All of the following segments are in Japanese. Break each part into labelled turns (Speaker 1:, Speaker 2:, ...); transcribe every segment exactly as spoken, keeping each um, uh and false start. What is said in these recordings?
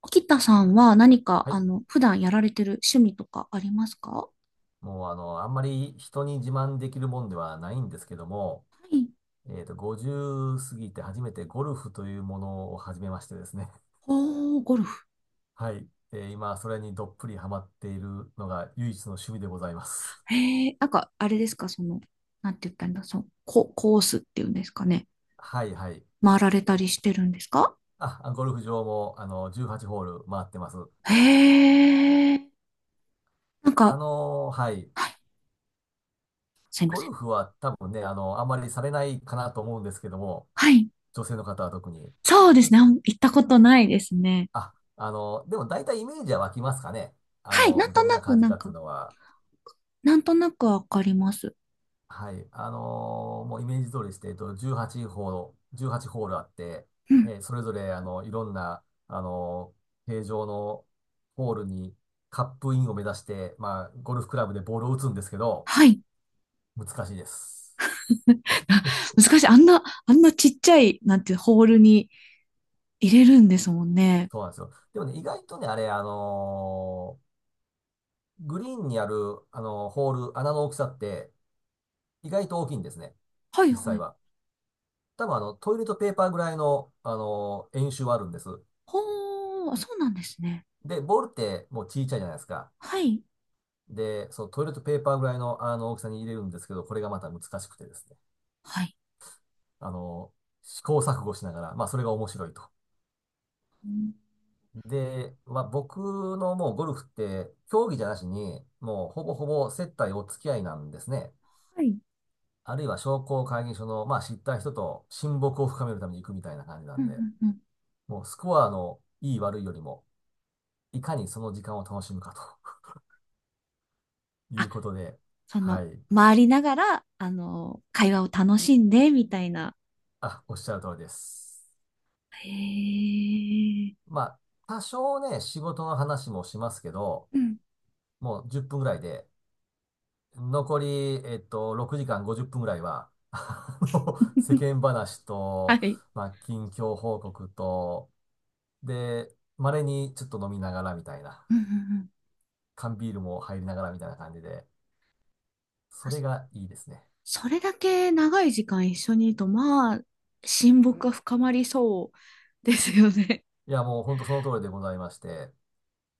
Speaker 1: 沖田さんは何か、
Speaker 2: は
Speaker 1: あ
Speaker 2: い。
Speaker 1: の、普段やられてる趣味とかありますか？は
Speaker 2: もうあの、あんまり人に自慢できるもんではないんですけども、
Speaker 1: い。
Speaker 2: えっと、ごじゅう過ぎて初めてゴルフというものを始めましてですね。
Speaker 1: おー、ゴルフ。
Speaker 2: はい。で、今、それにどっぷりハマっているのが唯一の趣味でございます。
Speaker 1: へえ、なんか、あれですか、その、なんて言ったらいいんだ、その、コ、コースっていうんですかね。
Speaker 2: はい、はい。
Speaker 1: 回られたりしてるんですか？
Speaker 2: あ、ゴルフ場も、あの、じゅうはちホール回ってます。
Speaker 1: へえ、なん
Speaker 2: あ
Speaker 1: か、
Speaker 2: のーはい。
Speaker 1: はい、すいま
Speaker 2: ゴ
Speaker 1: せ
Speaker 2: ル
Speaker 1: ん。
Speaker 2: フは多分ね、あの、あんまりされないかなと思うんですけども、
Speaker 1: はい。
Speaker 2: 女性の方は特に。
Speaker 1: そうですね。あんま行ったことないですね。
Speaker 2: あ、あの、でも大体イメージは湧きますかね。あ
Speaker 1: はい。な
Speaker 2: の、
Speaker 1: んと
Speaker 2: どん
Speaker 1: な
Speaker 2: な
Speaker 1: く、
Speaker 2: 感じ
Speaker 1: なん
Speaker 2: かってい
Speaker 1: か、
Speaker 2: うのは。
Speaker 1: なんとなくわかります。
Speaker 2: はい。あのーもうイメージ通りして、えっと、じゅうはちホール、じゅうはちホールあって、
Speaker 1: うん。
Speaker 2: えーそれぞれ、あの、いろんな、あのー形状のホールにカップインを目指して、まあ、ゴルフクラブでボールを打つんですけど、
Speaker 1: はい。
Speaker 2: 難しいです。
Speaker 1: 難しい。あんな、あんなちっちゃい、なんて、ホールに入れるんですもんね。
Speaker 2: そうなんですよ。でもね、意外とね、あれ、あのーグリーンにある、あのーホール、穴の大きさって、意外と大きいんですね。
Speaker 1: はい
Speaker 2: 実
Speaker 1: は
Speaker 2: 際
Speaker 1: い。
Speaker 2: は。多分、あの、トイレットペーパーぐらいの、あのー円周はあるんです。
Speaker 1: ほー、そうなんですね。
Speaker 2: で、ボールってもう小さいじゃないですか。
Speaker 1: はい。
Speaker 2: で、そのトイレットペーパーぐらいの、あの大きさに入れるんですけど、これがまた難しくてですね。
Speaker 1: はい。
Speaker 2: あの、試行錯誤しながら、まあそれが面白いと。
Speaker 1: うん、
Speaker 2: で、まあ僕のもうゴルフって、競技じゃなしに、もうほぼほぼ接待お付き合いなんですね。
Speaker 1: はい。うん
Speaker 2: あるいは商工会議所の、まあ知った人と親睦を深めるために行くみたいな感じな
Speaker 1: う
Speaker 2: んで、
Speaker 1: んうん。
Speaker 2: もうスコアのいい悪いよりも、いかにその時間を楽しむかという
Speaker 1: あ、
Speaker 2: ことで、
Speaker 1: そ
Speaker 2: は
Speaker 1: の、
Speaker 2: い。
Speaker 1: 回りながら、あの、会話を楽しんで、みたいな。
Speaker 2: あ、おっしゃる通りです。
Speaker 1: へえ。
Speaker 2: まあ、多少ね、仕事の話もしますけど、
Speaker 1: うん。
Speaker 2: もうじゅっぷんぐらいで、残り、えっと、ろくじかんごじゅっぷんぐらいは、あの世 間話
Speaker 1: は
Speaker 2: と、
Speaker 1: い。
Speaker 2: まあ、近況報告と、で、稀にちょっと飲みながらみたいな、
Speaker 1: うんうんうん。
Speaker 2: 缶ビールも入りながらみたいな感じで、そ
Speaker 1: あ、
Speaker 2: れ
Speaker 1: そ、
Speaker 2: がいいですね。
Speaker 1: それだけ長い時間一緒にいると、まあ、親睦が深まりそうですよね。
Speaker 2: いや、もうほんとその通りでございまして、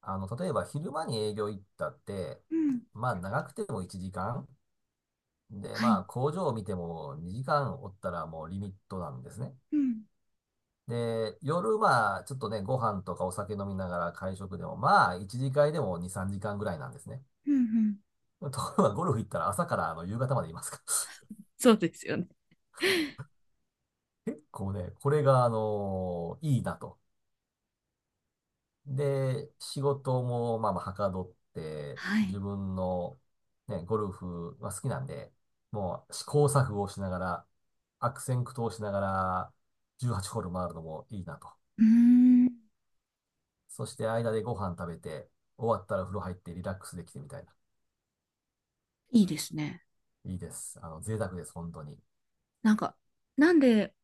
Speaker 2: あの、例えば昼間に営業行ったって、
Speaker 1: うん。
Speaker 2: まあ長くてもいちじかんで、
Speaker 1: は
Speaker 2: まあ、
Speaker 1: い。
Speaker 2: 工場を見てもにじかんおったらもうリミットなんですね。
Speaker 1: うん。
Speaker 2: で、夜はちょっとね、ご飯とかお酒飲みながら会食でも、まあ、いち次会でもに、さんじかんぐらいなんですね。
Speaker 1: うんうん。
Speaker 2: ところがゴルフ行ったら朝からあの夕方までいますか
Speaker 1: そうですよね。
Speaker 2: ら 結構ね、これがあのーいいなと。で、仕事もまあまあはかどって、
Speaker 1: は
Speaker 2: 自
Speaker 1: い。
Speaker 2: 分のね、ゴルフは好きなんで、もう試行錯誤をしながら、悪戦苦闘しながら、じゅうはちホール回るのもいいなと。
Speaker 1: うーん。
Speaker 2: そして間でご飯食べて、終わったら風呂入ってリラックスできてみたいな。
Speaker 1: いいですね。
Speaker 2: いいです。あの、贅沢です、本当に。
Speaker 1: なんか、なんで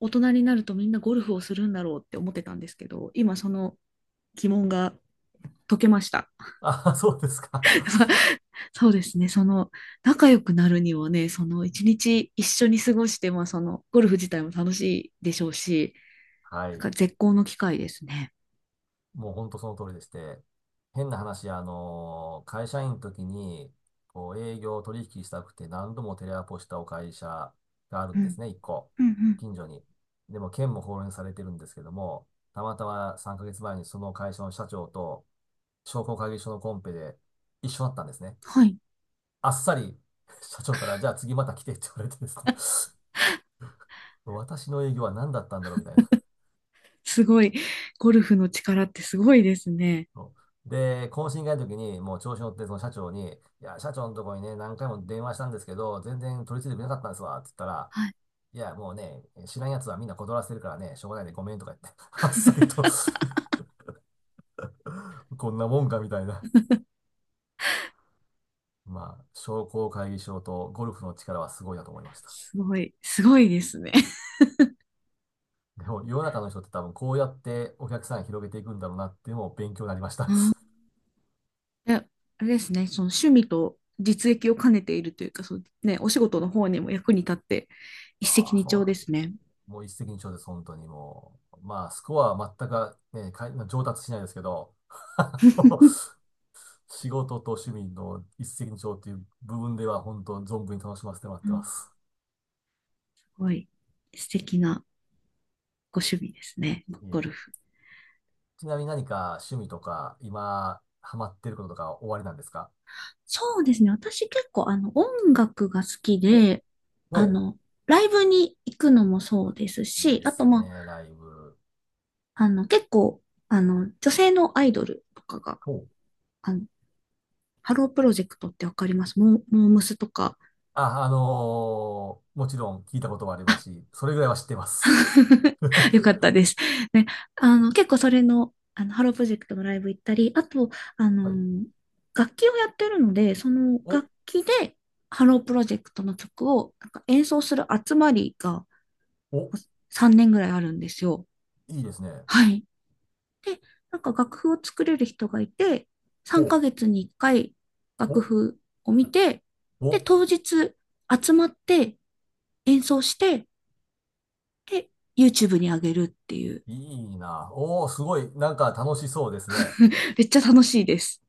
Speaker 1: 大人になるとみんなゴルフをするんだろうって思ってたんですけど、今その疑問が解けました。
Speaker 2: あ、そうですか。
Speaker 1: そうですね、その仲良くなるにはね、その一日一緒に過ごして、まあそのゴルフ自体も楽しいでしょうし、
Speaker 2: は
Speaker 1: なんか
Speaker 2: い。
Speaker 1: 絶好の機会ですね。
Speaker 2: もう本当その通りでして、変な話、あのー会社員の時に、こう、営業取引したくて何度もテレアポしたお会社がある
Speaker 1: う
Speaker 2: んです
Speaker 1: ん。
Speaker 2: ね、一個。
Speaker 1: うんうん。
Speaker 2: 近所に。でも、県も放連されてるんですけども、たまたまさんかげつまえにその会社の社長と商工会議所のコンペで一緒だったんですね。
Speaker 1: はい。
Speaker 2: あっさり 社長から、じゃあ次また来てって言われてですね 私の営業は何だったんだろうみたいな。
Speaker 1: すごい。ゴルフの力ってすごいですね。
Speaker 2: そうで、懇親会の時に、もう調子乗って、その社長に、いや、社長のとこにね、何回も電話したんですけど、全然取り次いでくれなかったんですわ、って言ったら、
Speaker 1: はい。
Speaker 2: いや、もうね、知らん奴はみんな断らせてるからね、しょうがないでごめんとか言って、あっさりと こんなもんかみたいな。まあ、商工会議所とゴルフの力はすごいなと思いました。
Speaker 1: すごい、すごいですね。
Speaker 2: でも、世の中の人って多分こうやってお客さん広げていくんだろうなっていうのも勉強になりました。
Speaker 1: うん。え、あれですね、その趣味と実益を兼ねているというか、そうね、お仕事の方にも役に立って、一石
Speaker 2: ああ、
Speaker 1: 二
Speaker 2: そう
Speaker 1: 鳥
Speaker 2: な
Speaker 1: で
Speaker 2: んだ。
Speaker 1: すね。
Speaker 2: もう一石二鳥です、本当にもう。まあ、スコアは全く、ね、かい上達しないですけど、あの仕事と趣味の一石二鳥っていう部分では、本当存分に楽しませてもらっ
Speaker 1: う
Speaker 2: てま
Speaker 1: ん、
Speaker 2: す。
Speaker 1: すごい素敵なご趣味ですね、
Speaker 2: いえい
Speaker 1: ゴル
Speaker 2: え、
Speaker 1: フ。
Speaker 2: ちなみに何か趣味とか、今、ハマってることとか終わりなんですか？
Speaker 1: そうですね。私結構あの音楽が好き
Speaker 2: お、
Speaker 1: で、あ
Speaker 2: お、
Speaker 1: の、ライブに行くのもそうです
Speaker 2: いい
Speaker 1: し、
Speaker 2: で
Speaker 1: あと
Speaker 2: す
Speaker 1: ま
Speaker 2: ね、ライブ。
Speaker 1: あ、あの結構、あの、女性のアイドルとかが、
Speaker 2: お、
Speaker 1: あの、ハロープロジェクトってわかります？モー、モームスとか、
Speaker 2: あ、あのーもちろん聞いたこともあり
Speaker 1: あ。
Speaker 2: ますし、それぐらいは知ってます。
Speaker 1: よかったで す。ね、あの、結構それの、あの、ハロープロジェクトのライブ行ったり、あと、あ
Speaker 2: はい。
Speaker 1: の、楽器をやってるので、その
Speaker 2: お、
Speaker 1: 楽器でハロープロジェクトの曲をなんか演奏する集まりが
Speaker 2: お、
Speaker 1: さんねんぐらいあるんですよ。
Speaker 2: いいですね。
Speaker 1: はい。で、なんか楽譜を作れる人がいて、3
Speaker 2: ほ
Speaker 1: ヶ
Speaker 2: う。
Speaker 1: 月にいっかい楽
Speaker 2: お、
Speaker 1: 譜を見て、で、
Speaker 2: お、
Speaker 1: 当日集まって演奏して、で、YouTube に上げるっていう。
Speaker 2: いいな。おー、すごい。なんか楽しそうですね。
Speaker 1: めっちゃ楽しいです。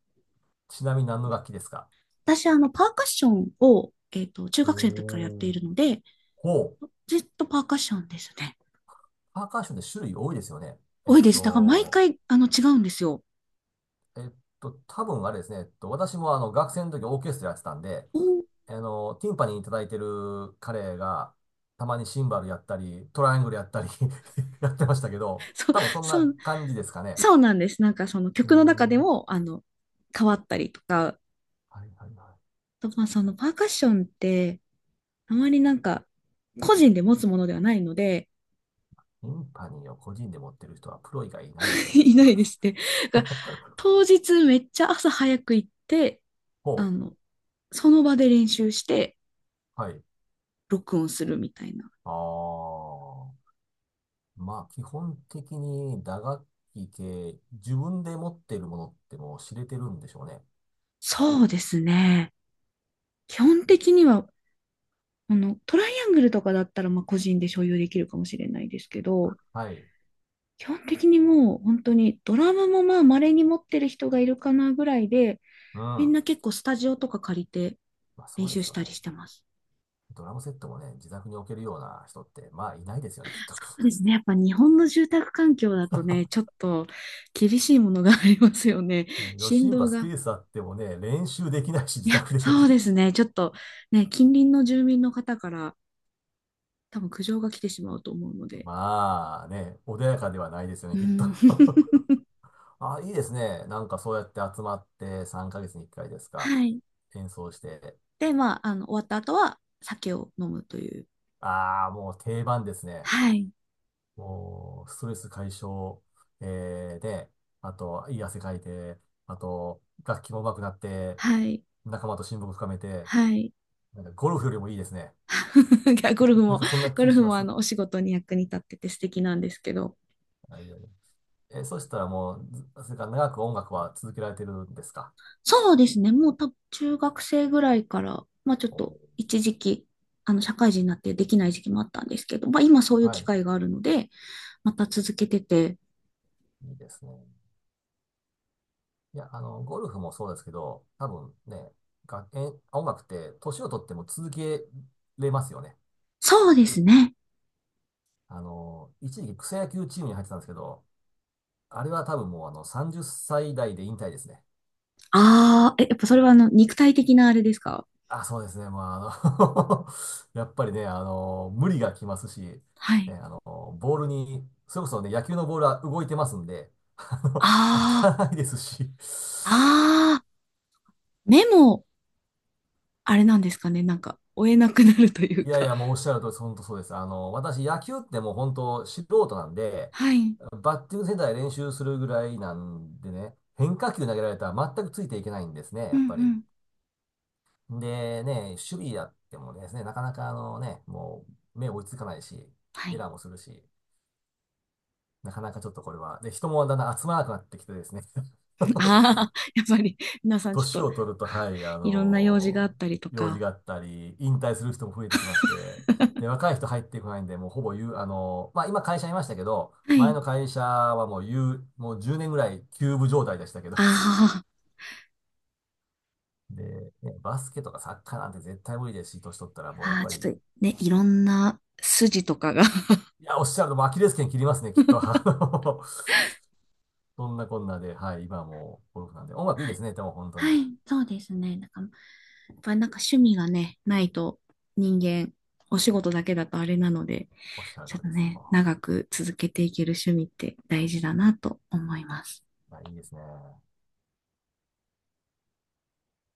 Speaker 2: ちなみに何の楽器ですか？
Speaker 1: 私、あの、パーカッションを、えっと、中学生の時からやって
Speaker 2: お
Speaker 1: い
Speaker 2: ー。
Speaker 1: るので、
Speaker 2: ほう。
Speaker 1: ずっとパーカッションですね。
Speaker 2: パーカッションって種類多いですよね。え
Speaker 1: 多
Speaker 2: っ
Speaker 1: いです。だから毎
Speaker 2: と、
Speaker 1: 回、あの、違うんですよ。
Speaker 2: えっと、多分あれですね。えっと、私もあの、学生の時オーケストラやってたんで、
Speaker 1: お、
Speaker 2: あの、ティンパニーに叩いてる彼が、たまにシンバルやったり、トライアングルやったり やってましたけど、
Speaker 1: そう、
Speaker 2: 多分そん
Speaker 1: そ
Speaker 2: な
Speaker 1: う、
Speaker 2: 感じですかね。
Speaker 1: そうなんです。なんかその
Speaker 2: うー
Speaker 1: 曲の中
Speaker 2: ん。
Speaker 1: で
Speaker 2: は
Speaker 1: も、あの、変わったりとか、
Speaker 2: いはいは
Speaker 1: とまあそのパーカッションって、あまりなんか、個人で持つものではないので、
Speaker 2: い。ティンパニーを個人で持ってる人はプロ以外いないです よね、きっ
Speaker 1: いな
Speaker 2: と。
Speaker 1: いですね。が、当日めっちゃ朝早く行って、
Speaker 2: ほ
Speaker 1: あ
Speaker 2: う。
Speaker 1: の、その場で練習して、
Speaker 2: はい。
Speaker 1: 録音するみたいな。
Speaker 2: ああ。まあ、基本的に打楽器系、自分で持ってるものってもう知れてるんでしょうね。
Speaker 1: そうですね。基本的には、あの、トライアングルとかだったら、まあ、個人で所有できるかもしれないですけど、
Speaker 2: はい。
Speaker 1: 基本的にもう本当にドラムもまあ稀に持ってる人がいるかなぐらいで、
Speaker 2: うん。
Speaker 1: みん
Speaker 2: ま
Speaker 1: な結構スタジオとか借りて
Speaker 2: あ、そ
Speaker 1: 練
Speaker 2: うで
Speaker 1: 習
Speaker 2: す
Speaker 1: し
Speaker 2: よ
Speaker 1: たり
Speaker 2: ね。
Speaker 1: してます。
Speaker 2: ドラムセットもね、自宅に置けるような人って、まあ、いないですよね、きっと。
Speaker 1: そうですね。やっぱ日本の住宅環境だとね、ちょっと厳しいものがありますよね。
Speaker 2: ねヨ
Speaker 1: 振
Speaker 2: シンバ
Speaker 1: 動
Speaker 2: スペ
Speaker 1: が。
Speaker 2: ースあってもね、練習できないし、
Speaker 1: い
Speaker 2: 自
Speaker 1: や、
Speaker 2: 宅で
Speaker 1: そ うですね。ちょっとね、近隣の住民の方から多分苦情が来てしまうと思うので。
Speaker 2: まあね、穏やかではないですよね、
Speaker 1: う
Speaker 2: きっと
Speaker 1: ん。
Speaker 2: ああ、いいですね。なんかそうやって集まってさんかげつにいっかいですか？
Speaker 1: はい。
Speaker 2: 演奏して。
Speaker 1: で、まあ、あの、終わった後は酒を飲むという。
Speaker 2: ああ、もう定番ですね。
Speaker 1: はい。
Speaker 2: もう、ストレス解消、えーで、あと、いい汗かいて、あと、楽器も上手くなって、
Speaker 1: はい。
Speaker 2: 仲間と親睦深めて、
Speaker 1: はい。い
Speaker 2: なんかゴルフよりもいいですね。
Speaker 1: やゴルフ
Speaker 2: なん
Speaker 1: も、
Speaker 2: かそんな
Speaker 1: ゴ
Speaker 2: 気
Speaker 1: ル
Speaker 2: し
Speaker 1: フ
Speaker 2: ま
Speaker 1: も
Speaker 2: す。
Speaker 1: あ
Speaker 2: は
Speaker 1: の、お仕事に役に立ってて素敵なんですけど。
Speaker 2: いはいはい、え、そしたらもう、ずそれから長く音楽は続けられてるんですか？
Speaker 1: そうですね。もう多分中学生ぐらいから、まあちょっ
Speaker 2: お
Speaker 1: と
Speaker 2: ー、
Speaker 1: 一時期、あの、社会人になってできない時期もあったんですけど、まあ今そういう
Speaker 2: は
Speaker 1: 機
Speaker 2: い。
Speaker 1: 会があるので、また続けてて。
Speaker 2: いいですね。いや、あの、ゴルフもそうですけど、多分ね、が、え、音楽って年を取っても続けれますよね。
Speaker 1: そうですね。
Speaker 2: あの、一時期草野球チームに入ってたんですけど、あれは多分もうあのさんじゅっさい代で引退ですね。
Speaker 1: ああ、え、やっぱそれはあの、肉体的なあれですか？
Speaker 2: あ、そうですね。まあ、あの やっぱりね、あの、無理がきますし、ね、
Speaker 1: はい。
Speaker 2: あの、ボールに、それこそね、野球のボールは動いてますんで、あの、当
Speaker 1: あ
Speaker 2: たらないですし。
Speaker 1: あ、ああ、目も、あれなんですかね、なんか、追えなくなるという
Speaker 2: いやい
Speaker 1: か。
Speaker 2: や、もうおっしゃる通り、本当そうです。あの、私、野球ってもう本当素人なんで、
Speaker 1: はい。
Speaker 2: バッティングセンターで練習するぐらいなんでね、変化球投げられたら全くついていけないんですね、
Speaker 1: う
Speaker 2: や
Speaker 1: んう
Speaker 2: っぱり。
Speaker 1: ん。
Speaker 2: でね、守備やってもですね、なかなかあのね、もう目追いつかないし、
Speaker 1: は
Speaker 2: エ
Speaker 1: い。
Speaker 2: ラーもするし、なかなかちょっとこれは、で、人もだんだん集まらなくなってきてですね、
Speaker 1: ああ、やっぱり、皆さ んちょっ
Speaker 2: 年
Speaker 1: と、
Speaker 2: を取ると、はい、あ
Speaker 1: いろんな用事があ
Speaker 2: の
Speaker 1: ったりと
Speaker 2: 用事
Speaker 1: か。
Speaker 2: があったり、引退する人も増えてきまして、で、若い人入ってこないんで、もうほぼ言う、あのまあ今会社いましたけど、
Speaker 1: は
Speaker 2: 前
Speaker 1: い。
Speaker 2: の会社はもう言う、もうじゅうねんぐらい休部状態でしたけど、
Speaker 1: あ
Speaker 2: で、ね、バスケとかサッカーなんて絶対無理ですし、年取ったらもうや
Speaker 1: あ、
Speaker 2: っ
Speaker 1: ああ、
Speaker 2: ぱ
Speaker 1: ちょ
Speaker 2: り
Speaker 1: っとね、いろんな筋とかが。
Speaker 2: いや、おっしゃると、アキレス腱切りますね、きっと。あのそんなこんなで、はい、今はもうゴルフなんで。音楽いい
Speaker 1: は
Speaker 2: で
Speaker 1: い、
Speaker 2: すね、でも本当
Speaker 1: は
Speaker 2: に。
Speaker 1: い、そうですね。なんか、やっぱりなんか趣味がね、ないと人間、お仕事だけだとあれなので、
Speaker 2: おっしゃる通
Speaker 1: ちょっ
Speaker 2: り
Speaker 1: と
Speaker 2: です。
Speaker 1: ね、
Speaker 2: も
Speaker 1: 長く続けていける趣味って大事だなと思います。
Speaker 2: うはい、いいですね。